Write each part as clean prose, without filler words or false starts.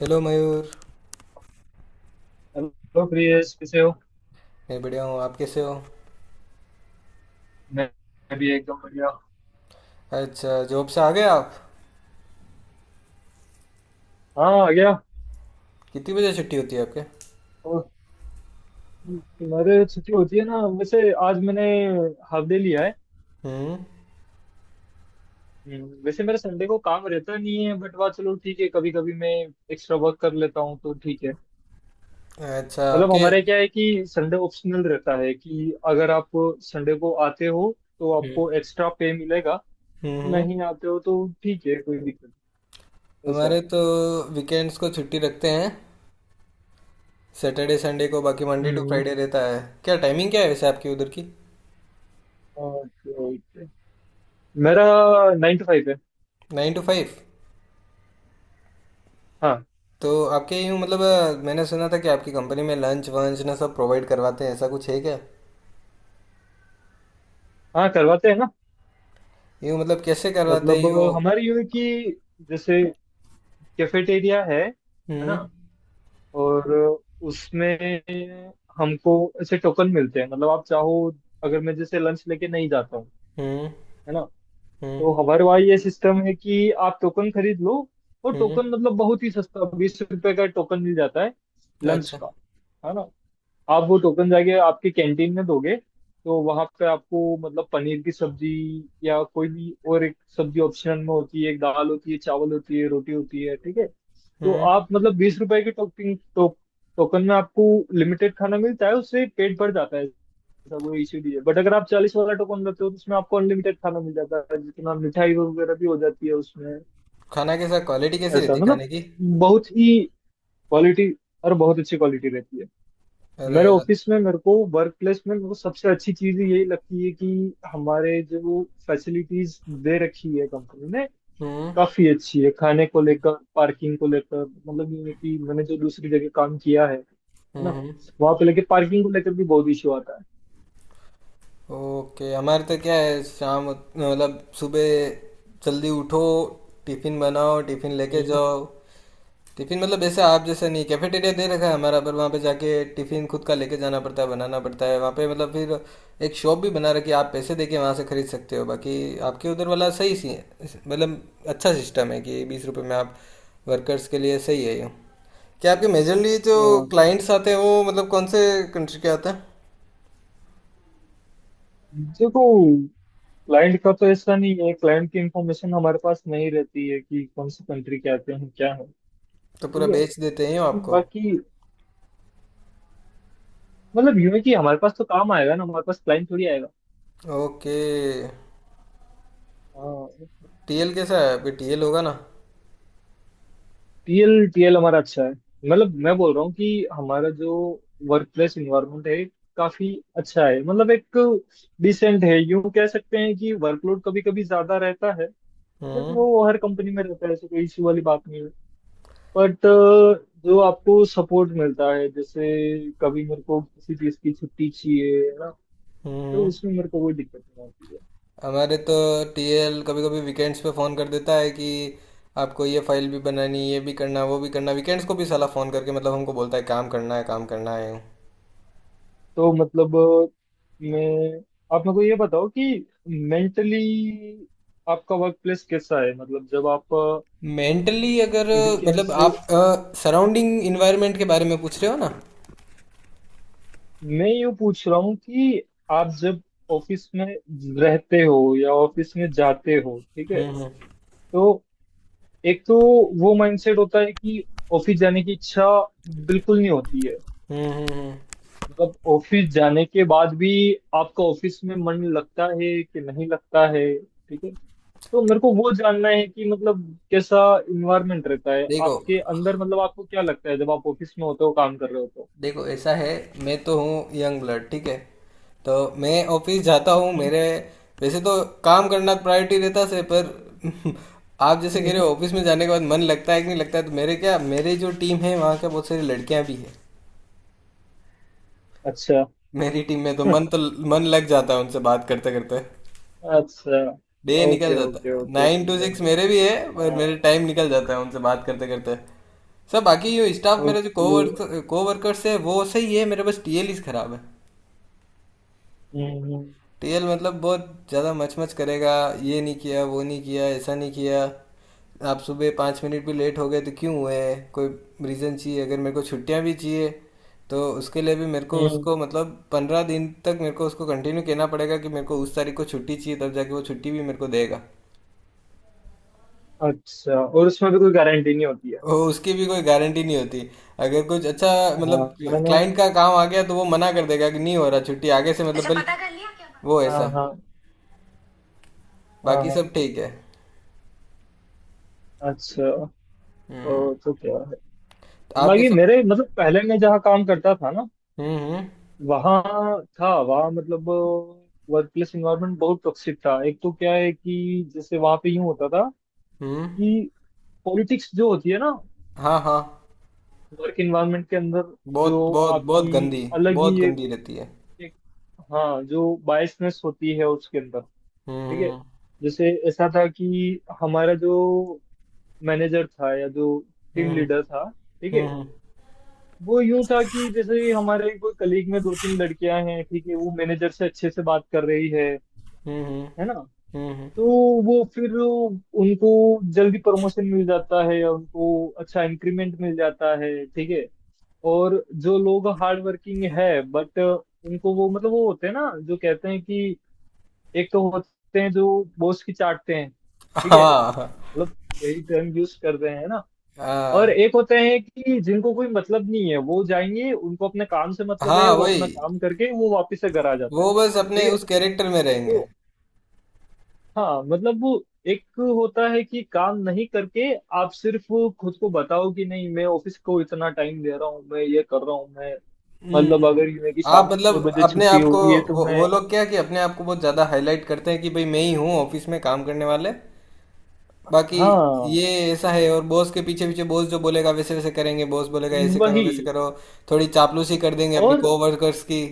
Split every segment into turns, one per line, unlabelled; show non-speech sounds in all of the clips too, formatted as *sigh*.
Hello Mayur.
Hello Priyesh, कैसे हो।
मैं बढ़िया हूँ। आप कैसे हो?
मैं मैं भी एकदम बढ़िया।
अच्छा, जॉब से आ गए आप?
हाँ, आ गया।
कितनी बजे छुट्टी होती है आपके?
और मेरे छुट्टी होती है ना, वैसे आज मैंने हाफ डे लिया है।
हम्म।
वैसे मेरे संडे को काम रहता नहीं है, बट वाह चलो ठीक है, कभी कभी मैं एक्स्ट्रा वर्क कर लेता हूँ तो ठीक है।
अच्छा
मतलब
आपके।
हमारे क्या है कि संडे ऑप्शनल रहता है, कि अगर आप संडे को आते हो तो
हम्म,
आपको एक्स्ट्रा पे मिलेगा।
हम्म।
नहीं आते हो तो ठीक है, कोई दिक्कत नहीं, ऐसा।
हमारे तो वीकेंड्स को छुट्टी रखते हैं, सैटरडे संडे को। बाकी मंडे टू
हम्म।
फ्राइडे रहता है। क्या टाइमिंग क्या है वैसे आपकी उधर की?
Okay okay. मेरा 9 to 5 है।
9 to 5?
हाँ,
तो आपके यूँ मतलब, मैंने सुना था कि आपकी कंपनी में लंच वंच ना सब प्रोवाइड करवाते हैं, ऐसा कुछ है क्या?
हाँ करवाते हैं ना।
यूँ मतलब कैसे करवाते हैं
मतलब
यूँ?
हमारी यूं है कि, जैसे कैफेटेरिया है ना,
हम्म।
और उसमें हमको ऐसे टोकन मिलते हैं। मतलब आप चाहो, अगर मैं जैसे लंच लेके नहीं जाता हूँ,
हम्म।
है ना,
हम्म।
तो हमारे वहाँ ये सिस्टम है कि आप टोकन खरीद लो। और
हम्म।
टोकन मतलब बहुत ही सस्ता, 20 रुपए का टोकन मिल जाता है, लंच
अच्छा।
का, है ना। आप वो टोकन जाके आपके कैंटीन में दोगे तो वहां पे आपको मतलब पनीर की सब्जी या कोई भी और एक सब्जी ऑप्शनल में होती है, एक दाल होती है, चावल होती है, रोटी होती है, ठीक है। तो
हम्म।
आप मतलब 20 रुपए के टोकन में आपको लिमिटेड खाना मिलता है, उससे पेट भर जाता है। ऐसा कोई इश्यू नहीं है, बट अगर आप 40 वाला टोकन लेते हो तो उसमें आपको अनलिमिटेड खाना मिल जाता है, जितना मिठाई वगैरह भी हो जाती है उसमें।
खाना कैसा? क्वालिटी कैसी
ऐसा
रहती
मतलब
खाने की?
बहुत ही क्वालिटी, और बहुत अच्छी क्वालिटी रहती है।
अरे।
मेरे ऑफिस में, मेरे को वर्क प्लेस में, मेरे को सबसे अच्छी चीज यही लगती है कि हमारे जो फैसिलिटीज दे रखी है कंपनी ने,
हम्म।
काफी अच्छी है, खाने को लेकर, पार्किंग को लेकर। मतलब ये है कि मैंने जो दूसरी जगह काम किया है
हम्म।
ना,
हम्म।
वहां पे लेके पार्किंग को लेकर भी बहुत इश्यू आता
ओके। हमारे तो क्या है, शाम मतलब सुबह जल्दी उठो, टिफिन बनाओ, टिफिन लेके
है।
जाओ। टिफिन मतलब ऐसे आप जैसा नहीं कैफेटेरिया दे रखा है हमारा, पर वहाँ पे जाके टिफिन खुद का लेके जाना पड़ता है, बनाना पड़ता है वहाँ पे। मतलब फिर एक शॉप भी बना रखी है, आप पैसे देके वहाँ से खरीद सकते हो। बाकी आपके उधर वाला सही सी है, मतलब अच्छा सिस्टम है कि 20 रुपए में आप। वर्कर्स के लिए सही है ये। क्या आपके मेजरली जो
अ,
क्लाइंट्स आते हैं वो मतलब कौन से कंट्री के आते हैं?
देखो, क्लाइंट का तो ऐसा नहीं है, क्लाइंट की इंफॉर्मेशन हमारे पास नहीं रहती है कि कौन सी कंट्री के आते हैं, क्या है।
तो पूरा
ठीक
बेच
है,
देते हैं वो आपको?
बाकी मतलब यूं है कि हमारे पास तो काम आएगा ना, हमारे पास क्लाइंट थोड़ी
ओके।
आएगा।
टीएल कैसा है आपके? टीएल होगा ना?
टीएल टीएल हमारा अच्छा है। मतलब मैं बोल रहा हूँ कि हमारा जो वर्क प्लेस इन्वायरमेंट है, काफी अच्छा है। मतलब एक डिसेंट है यूं कह सकते हैं कि वर्कलोड कभी कभी ज्यादा रहता है, बट
हम्म,
वो हर कंपनी में रहता है, ऐसे कोई इश्यू वाली बात नहीं है। बट जो आपको सपोर्ट मिलता है, जैसे कभी मेरे को किसी चीज की छुट्टी चाहिए है ना, तो
हम्म।
उसमें मेरे को कोई दिक्कत नहीं आती है।
हमारे तो टीएल कभी कभी वीकेंड्स पे फ़ोन कर देता है कि आपको ये फाइल भी बनानी, ये भी करना, वो भी करना। वीकेंड्स को भी साला फ़ोन करके मतलब हमको बोलता है काम करना है, काम करना है।
तो मतलब, मैं, आप मेरे को ये बताओ कि मेंटली आपका वर्क प्लेस कैसा है। मतलब जब आप
मेंटली अगर
वीकेंड
मतलब
से,
आप सराउंडिंग इन्वायरमेंट के बारे में पूछ रहे हो ना?
मैं यूं पूछ रहा हूँ कि आप जब ऑफिस में रहते हो या ऑफिस में जाते हो, ठीक है,
हम्म। हम्म।
तो एक तो वो माइंडसेट होता है कि ऑफिस जाने की इच्छा बिल्कुल नहीं होती है।
हम्म। हम्म। हम्म।
मतलब ऑफिस जाने के बाद भी आपका ऑफिस में मन लगता है कि नहीं लगता है, ठीक है। तो मेरे को वो जानना है कि मतलब कैसा इन्वायरमेंट रहता है
देखो,
आपके अंदर, मतलब आपको क्या लगता है जब आप ऑफिस में होते हो, काम कर रहे हो तो।
देखो ऐसा है, मैं तो हूँ यंग ब्लड। ठीक है, तो मैं ऑफिस जाता हूँ
हम्म,
मेरे वैसे तो काम करना प्रायोरिटी रहता से पर *laughs* आप जैसे कह रहे
हम्म,
हो ऑफिस में जाने के बाद मन लगता है कि नहीं लगता है, तो मेरे क्या, मेरे जो टीम है वहाँ क्या बहुत सारी लड़कियाँ भी है।
अच्छा।
मेरी टीम में तो
*laughs*
मन लग जाता है उनसे बात करते करते।
अच्छा।
डे निकल
ओके
जाता
ओके
है,
ओके,
नाइन टू
लग
सिक्स मेरे
जाते।
भी है, पर
हाँ।
मेरे टाइम निकल जाता है उनसे बात करते करते। सब बाकी जो स्टाफ मेरे जो
ओके।
कोवर्कर्स है वो सही है। मेरे बस टीएलईस खराब है।
हम्म हम्म,
टीएल मतलब बहुत ज़्यादा मचमच करेगा। ये नहीं किया, वो नहीं किया, ऐसा नहीं किया। आप सुबह 5 मिनट भी लेट हो गए तो क्यों हुए, कोई रीज़न चाहिए। अगर मेरे को छुट्टियां भी चाहिए तो उसके लिए भी मेरे को
हम्म,
उसको मतलब 15 दिन तक मेरे को उसको कंटिन्यू कहना पड़ेगा कि मेरे को उस तारीख को छुट्टी चाहिए, तब जाके वो छुट्टी भी मेरे को देगा।
अच्छा, और उसमें भी कोई गारंटी नहीं होती है।
वो उसकी भी कोई गारंटी नहीं होती। अगर कुछ अच्छा
हाँ,
मतलब
मैंने।
क्लाइंट का काम आ गया तो वो मना कर देगा कि नहीं हो रहा छुट्टी आगे से, मतलब अच्छा भले, पता कर लिया क्या बात वो
हाँ
ऐसा।
हाँ हाँ।
बाकी
हाँ
सब
हाँ,
ठीक है।
अच्छा।
हम्म।
ओ तो क्या,
तो आपके
बाकी
सब।
मेरे मतलब, पहले मैं जहाँ काम करता था ना,
हम्म। हम्म।
वहाँ था, वहाँ मतलब वर्क प्लेस इन्वायरमेंट बहुत टॉक्सिक था। एक तो क्या है कि जैसे वहाँ पे यूँ होता था
हम्म।
कि पॉलिटिक्स जो होती है ना,
हाँ, हाँ।
वर्क इन्वायरमेंट के अंदर,
बहुत
जो
बहुत बहुत
आपकी
गंदी।
अलग ही
बहुत
एक,
गंदी रहती है।
एक हाँ, जो बायसनेस होती है उसके अंदर, ठीक है।
हम्म।
जैसे ऐसा था कि हमारा जो मैनेजर था, या जो टीम
हम्म।
लीडर था, ठीक है,
हम्म।
वो यूं था कि, जैसे हमारे कोई कलीग में दो तीन लड़कियां हैं, ठीक है, वो मैनेजर से अच्छे से बात कर रही है
हम्म।
है ना,
हम्म।
तो वो फिर उनको जल्दी प्रमोशन मिल जाता है या उनको अच्छा इंक्रीमेंट मिल जाता है, ठीक है। और जो लोग हार्ड वर्किंग है बट उनको वो मतलब, वो होते हैं ना जो कहते हैं कि एक तो होते हैं जो बॉस की चाटते हैं, ठीक है,
हाँ,
मतलब यही टर्म यूज कर रहे हैं ना। और
हाँ,
एक होते हैं कि जिनको कोई मतलब नहीं है, वो जाएंगे उनको अपने काम से मतलब है,
हाँ।
वो
वही।
अपना काम करके वो वापस से घर आ जाते हैं,
वो बस अपने
ठीक है
उस कैरेक्टर में रहेंगे।
तो। हाँ मतलब वो एक होता है कि काम नहीं करके आप सिर्फ खुद को बताओ कि नहीं, मैं ऑफिस को इतना टाइम दे रहा हूँ, मैं ये कर रहा हूँ, मैं, मतलब
हम्म।
अगर ये मेरी
आप
शाम को
मतलब
6 बजे
अपने
छुट्टी
आप को,
होगी है तो
वो,
मैं,
वो लोग क्या कि अपने आप को बहुत ज़्यादा हाईलाइट करते हैं कि भाई मैं ही हूँ ऑफिस में काम करने वाले। बाकी
हाँ
ये ऐसा है, और बॉस के पीछे पीछे बॉस जो बोलेगा वैसे वैसे करेंगे। बॉस बोलेगा ऐसे करो
वही,
वैसे करो, थोड़ी चापलूसी कर देंगे अपनी
और
कोवर्कर्स की।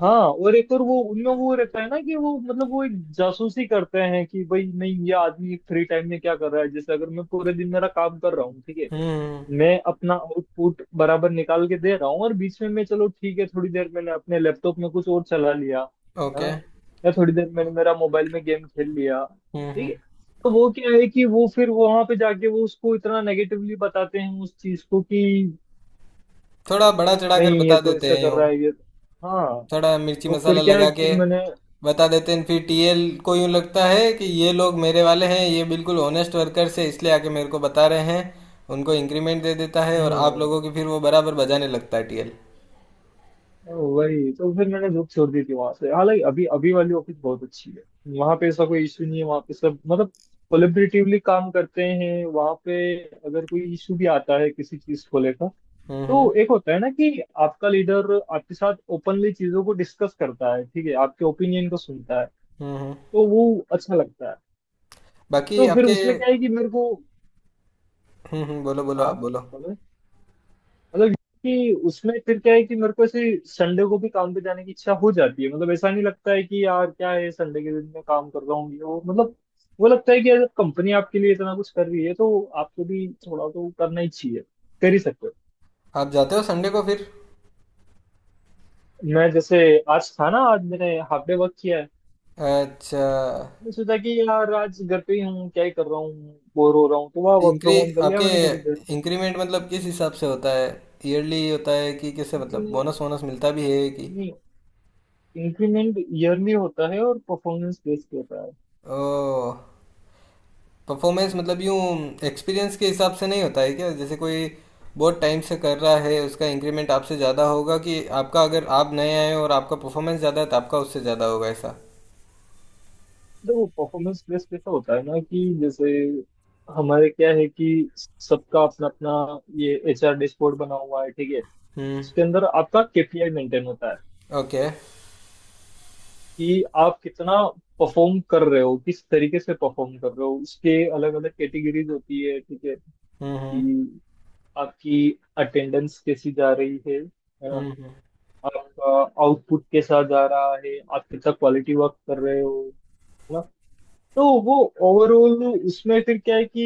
हाँ और एक और वो उनमें वो रहता है ना कि वो मतलब वो एक जासूसी करते हैं कि भाई नहीं, ये आदमी फ्री टाइम में क्या कर रहा है, जैसे अगर मैं पूरे दिन मेरा काम कर रहा हूँ, ठीक है,
हम्म।
मैं अपना आउटपुट बराबर निकाल के दे रहा हूँ, और बीच में मैं, चलो ठीक है, थोड़ी देर मैंने अपने लैपटॉप में कुछ और चला लिया, है
ओके।
ना, या थोड़ी देर मैंने मेरा मोबाइल में गेम खेल लिया,
हम्म। हम्म।
ठीक है। तो वो क्या है कि वो फिर वहां पे जाके वो उसको इतना नेगेटिवली बताते हैं उस चीज को कि,
थोड़ा बड़ा चढ़ा कर
नहीं ये
बता
तो
देते
ऐसा
हैं
कर
यूँ,
रहा है, ये तो, हाँ।
थोड़ा मिर्ची
तो फिर
मसाला
क्या
लगा
है,
के।
फिर मैंने,
बता देते हैं फिर टीएल को, यूँ लगता है कि ये लोग मेरे वाले हैं, ये बिल्कुल ऑनेस्ट वर्कर्स है, इसलिए आके मेरे को बता रहे हैं। उनको इंक्रीमेंट दे देता है, और आप
हम्म
लोगों की फिर वो बराबर बजाने लगता है टीएल।
वही तो फिर मैंने जॉब छोड़ दी थी वहां से। हालांकि अभी अभी वाली ऑफिस बहुत अच्छी है। वहां पे ऐसा कोई इशू नहीं है, वहां पे सब मतलब कोलेबरेटिवली काम करते हैं वहां पे। अगर कोई इशू भी आता है किसी चीज को लेकर,
हम्म।
तो
हम्म।
एक होता है ना कि आपका लीडर आपके साथ ओपनली चीजों को डिस्कस करता है, ठीक है, आपके ओपिनियन को सुनता है,
हम्म। हम्म।
तो वो अच्छा लगता है।
बाकी
तो फिर
आपके।
उसमें क्या है कि मेरे को,
हम्म, बोलो बोलो आप
हाँ
बोलो।
मतलब, कि उसमें फिर क्या है कि मेरे को ऐसे संडे को भी काम पे जाने की इच्छा हो जाती है। मतलब ऐसा नहीं लगता है कि यार क्या है संडे के दिन मैं काम कर रहा हूँ, ये वो मतलब, वो लगता है कि यार कंपनी आपके लिए इतना कुछ कर रही है, तो आपको भी थोड़ा तो करना ही चाहिए, कर ही सकते हो।
आप जाते हो संडे को फिर?
मैं जैसे आज था ना, आज मैंने हाफ डे वर्क किया है।
अच्छा।
मैंने सोचा कि यार आज घर पे ही हूँ, क्या ही कर रहा हूँ, बोर हो रहा हूँ, तो वह वर्क
इंक्री
फ्रॉम होम कर लिया
आपके
मैंने थोड़ी देर।
इंक्रीमेंट मतलब किस हिसाब से होता है? ईयरली होता है कि कैसे? मतलब
लेकिन
बोनस वोनस मिलता भी है कि?
नहीं, इंक्रीमेंट ईयरली होता है और परफॉर्मेंस बेस्ड होता है।
ओ। परफॉर्मेंस
हम्म।
मतलब यूँ एक्सपीरियंस के हिसाब से नहीं होता है क्या? जैसे कोई बहुत टाइम से कर रहा है उसका इंक्रीमेंट आपसे ज़्यादा होगा कि आपका, अगर आप नए आए हो और आपका परफॉर्मेंस ज़्यादा है तो आपका उससे ज़्यादा होगा ऐसा?
देखो, परफॉर्मेंस बेस्ड पे तो होता है ना कि जैसे हमारे क्या है कि सबका अपना अपना ये एचआर डैशबोर्ड बना हुआ है, ठीक है,
हम्म।
उसके अंदर आपका केपीआई मेंटेन होता है।
ओके।
कि आप कितना परफॉर्म कर रहे हो, किस तरीके से परफॉर्म कर रहे हो, उसके अलग अलग कैटेगरीज होती है, ठीक है,
हम्म। हम्म।
कि आपकी अटेंडेंस कैसी जा रही है ना,
हम्म। हम्म।
आपका आउटपुट कैसा जा रहा है, आप कितना क्वालिटी वर्क कर रहे हो, है ना। तो वो ओवरऑल उसमें फिर क्या है कि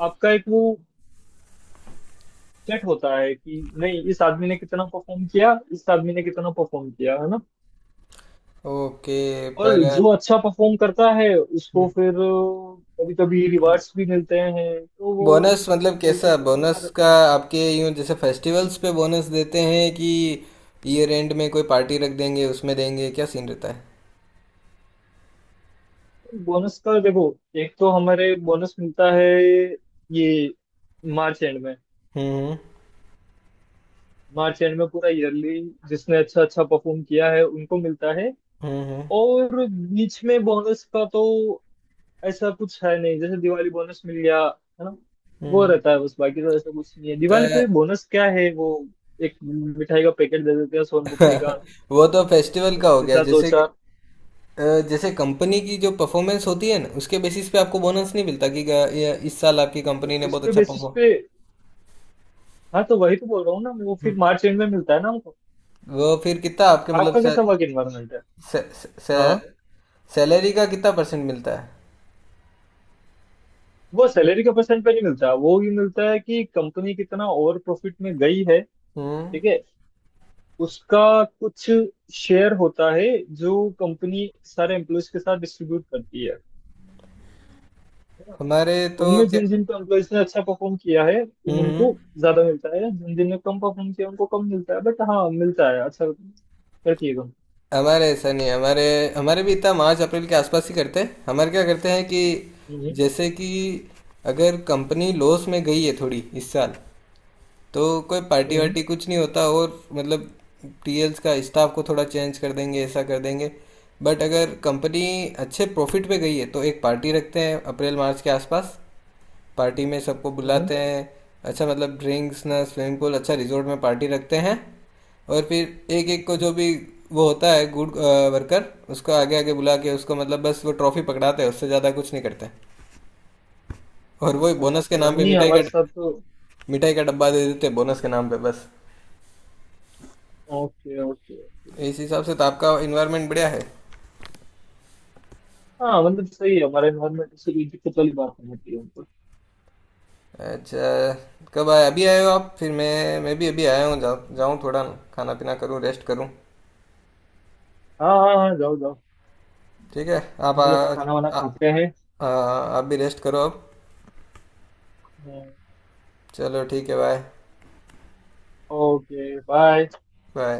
आपका एक वो सेट होता है कि नहीं इस आदमी ने कितना परफॉर्म किया, इस आदमी ने कितना परफॉर्म किया, है ना।
ओके
और
पर।
जो अच्छा परफॉर्म करता है उसको फिर कभी कभी रिवार्ड्स भी मिलते हैं, तो वो
बोनस मतलब
तरीके
कैसा
से चलता
बोनस का,
रहता है।
आपके यूं जैसे फेस्टिवल्स पे बोनस देते हैं कि ईयर एंड में कोई पार्टी रख देंगे उसमें देंगे? क्या सीन रहता है?
बोनस का देखो, एक तो हमारे बोनस मिलता है ये मार्च एंड में।
हम्म।
मार्च एंड में पूरा ईयरली जिसने अच्छा अच्छा परफॉर्म किया है उनको मिलता है।
हम्म। हम्म।
और बीच में बोनस का तो ऐसा कुछ है नहीं, जैसे दिवाली बोनस मिल गया है ना, वो
हम्म।
रहता है बस, बाकी तो ऐसा कुछ नहीं है।
तो
दिवाली पे बोनस क्या है, वो एक मिठाई का पैकेट दे देते हैं सोन पापड़ी का,
*laughs* वो तो फेस्टिवल का हो
उसके
गया।
साथ दो
जैसे कि-
चार।
जैसे कंपनी की जो परफॉर्मेंस होती है ना उसके बेसिस पे आपको बोनस नहीं मिलता कि गा- ये इस साल आपकी
तो
कंपनी ने बहुत
उसके
अच्छा
बेसिस
परफॉर्म।
पे, हाँ तो वही तो बोल रहा हूँ ना, वो फिर मार्च एंड में मिलता है ना हमको।
वो फिर कितना आपके मतलब
आपका कैसा वर्क एनवायरमेंट है।
से, से, से,
हाँ,
सैलरी का कितना परसेंट मिलता है?
वो सैलरी का परसेंट पे नहीं मिलता, वो भी मिलता है कि कंपनी कितना ओवर प्रॉफिट में गई है,
हम्म।
ठीक है, उसका कुछ शेयर होता है जो कंपनी सारे एम्प्लॉयज के साथ डिस्ट्रीब्यूट करती है,
हमारे तो
उनमें
क्या।
जिन जिन एम्प्लॉयज ने अच्छा परफॉर्म किया है उन
हम्म।
उनको
हम्म।
ज्यादा मिलता है, जिन जिन ने कम परफॉर्म किया उनको कम मिलता है, बट हाँ मिलता है, अच्छा करती है।
हमारे ऐसा नहीं, हमारे हमारे भी इतना मार्च अप्रैल के आसपास ही करते हैं। हमारे क्या करते हैं कि
हम्म
जैसे कि अगर कंपनी लॉस में गई है थोड़ी इस साल, तो कोई पार्टी
हम्म
वार्टी कुछ नहीं होता, और मतलब टीएल्स का स्टाफ को थोड़ा चेंज कर देंगे, ऐसा कर देंगे। बट अगर कंपनी अच्छे प्रॉफिट पे गई है तो एक पार्टी रखते हैं अप्रैल मार्च के आसपास। पार्टी में सबको
हम्म।
बुलाते हैं, अच्छा मतलब ड्रिंक्स ना, स्विमिंग पूल, अच्छा रिजॉर्ट में पार्टी रखते हैं। और फिर एक एक को जो भी वो होता है गुड वर्कर उसको आगे आगे बुला के उसको मतलब बस वो ट्रॉफी पकड़ाते हैं, उससे ज़्यादा कुछ नहीं करते। और वही बोनस के
अच्छा,
नाम पे
नहीं
मिठाई का
हमारे साथ तो।
मिठाई का डब्बा दे देते हैं बोनस के नाम पे बस।
Okay okay okay.
इस हिसाब से तो आपका इन्वायरमेंट बढ़िया है।
हाँ मतलब सही है, हमारा एनवायरमेंट से कोई दिक्कत वाली बात नहीं होती है उनको।
अच्छा। कब आए? अभी आए हो आप? फिर मैं भी अभी आया हूँ, जाऊँ थोड़ा खाना पीना करूँ, रेस्ट करूँ।
हाँ हाँ हाँ, जाओ जाओ।
ठीक है। आप
हम भी अब खाना वाना
आ, आ,
खाते हैं।
आ, आप भी रेस्ट करो अब।
हम्म,
चलो ठीक है, बाय।
Okay, bye.
बाय।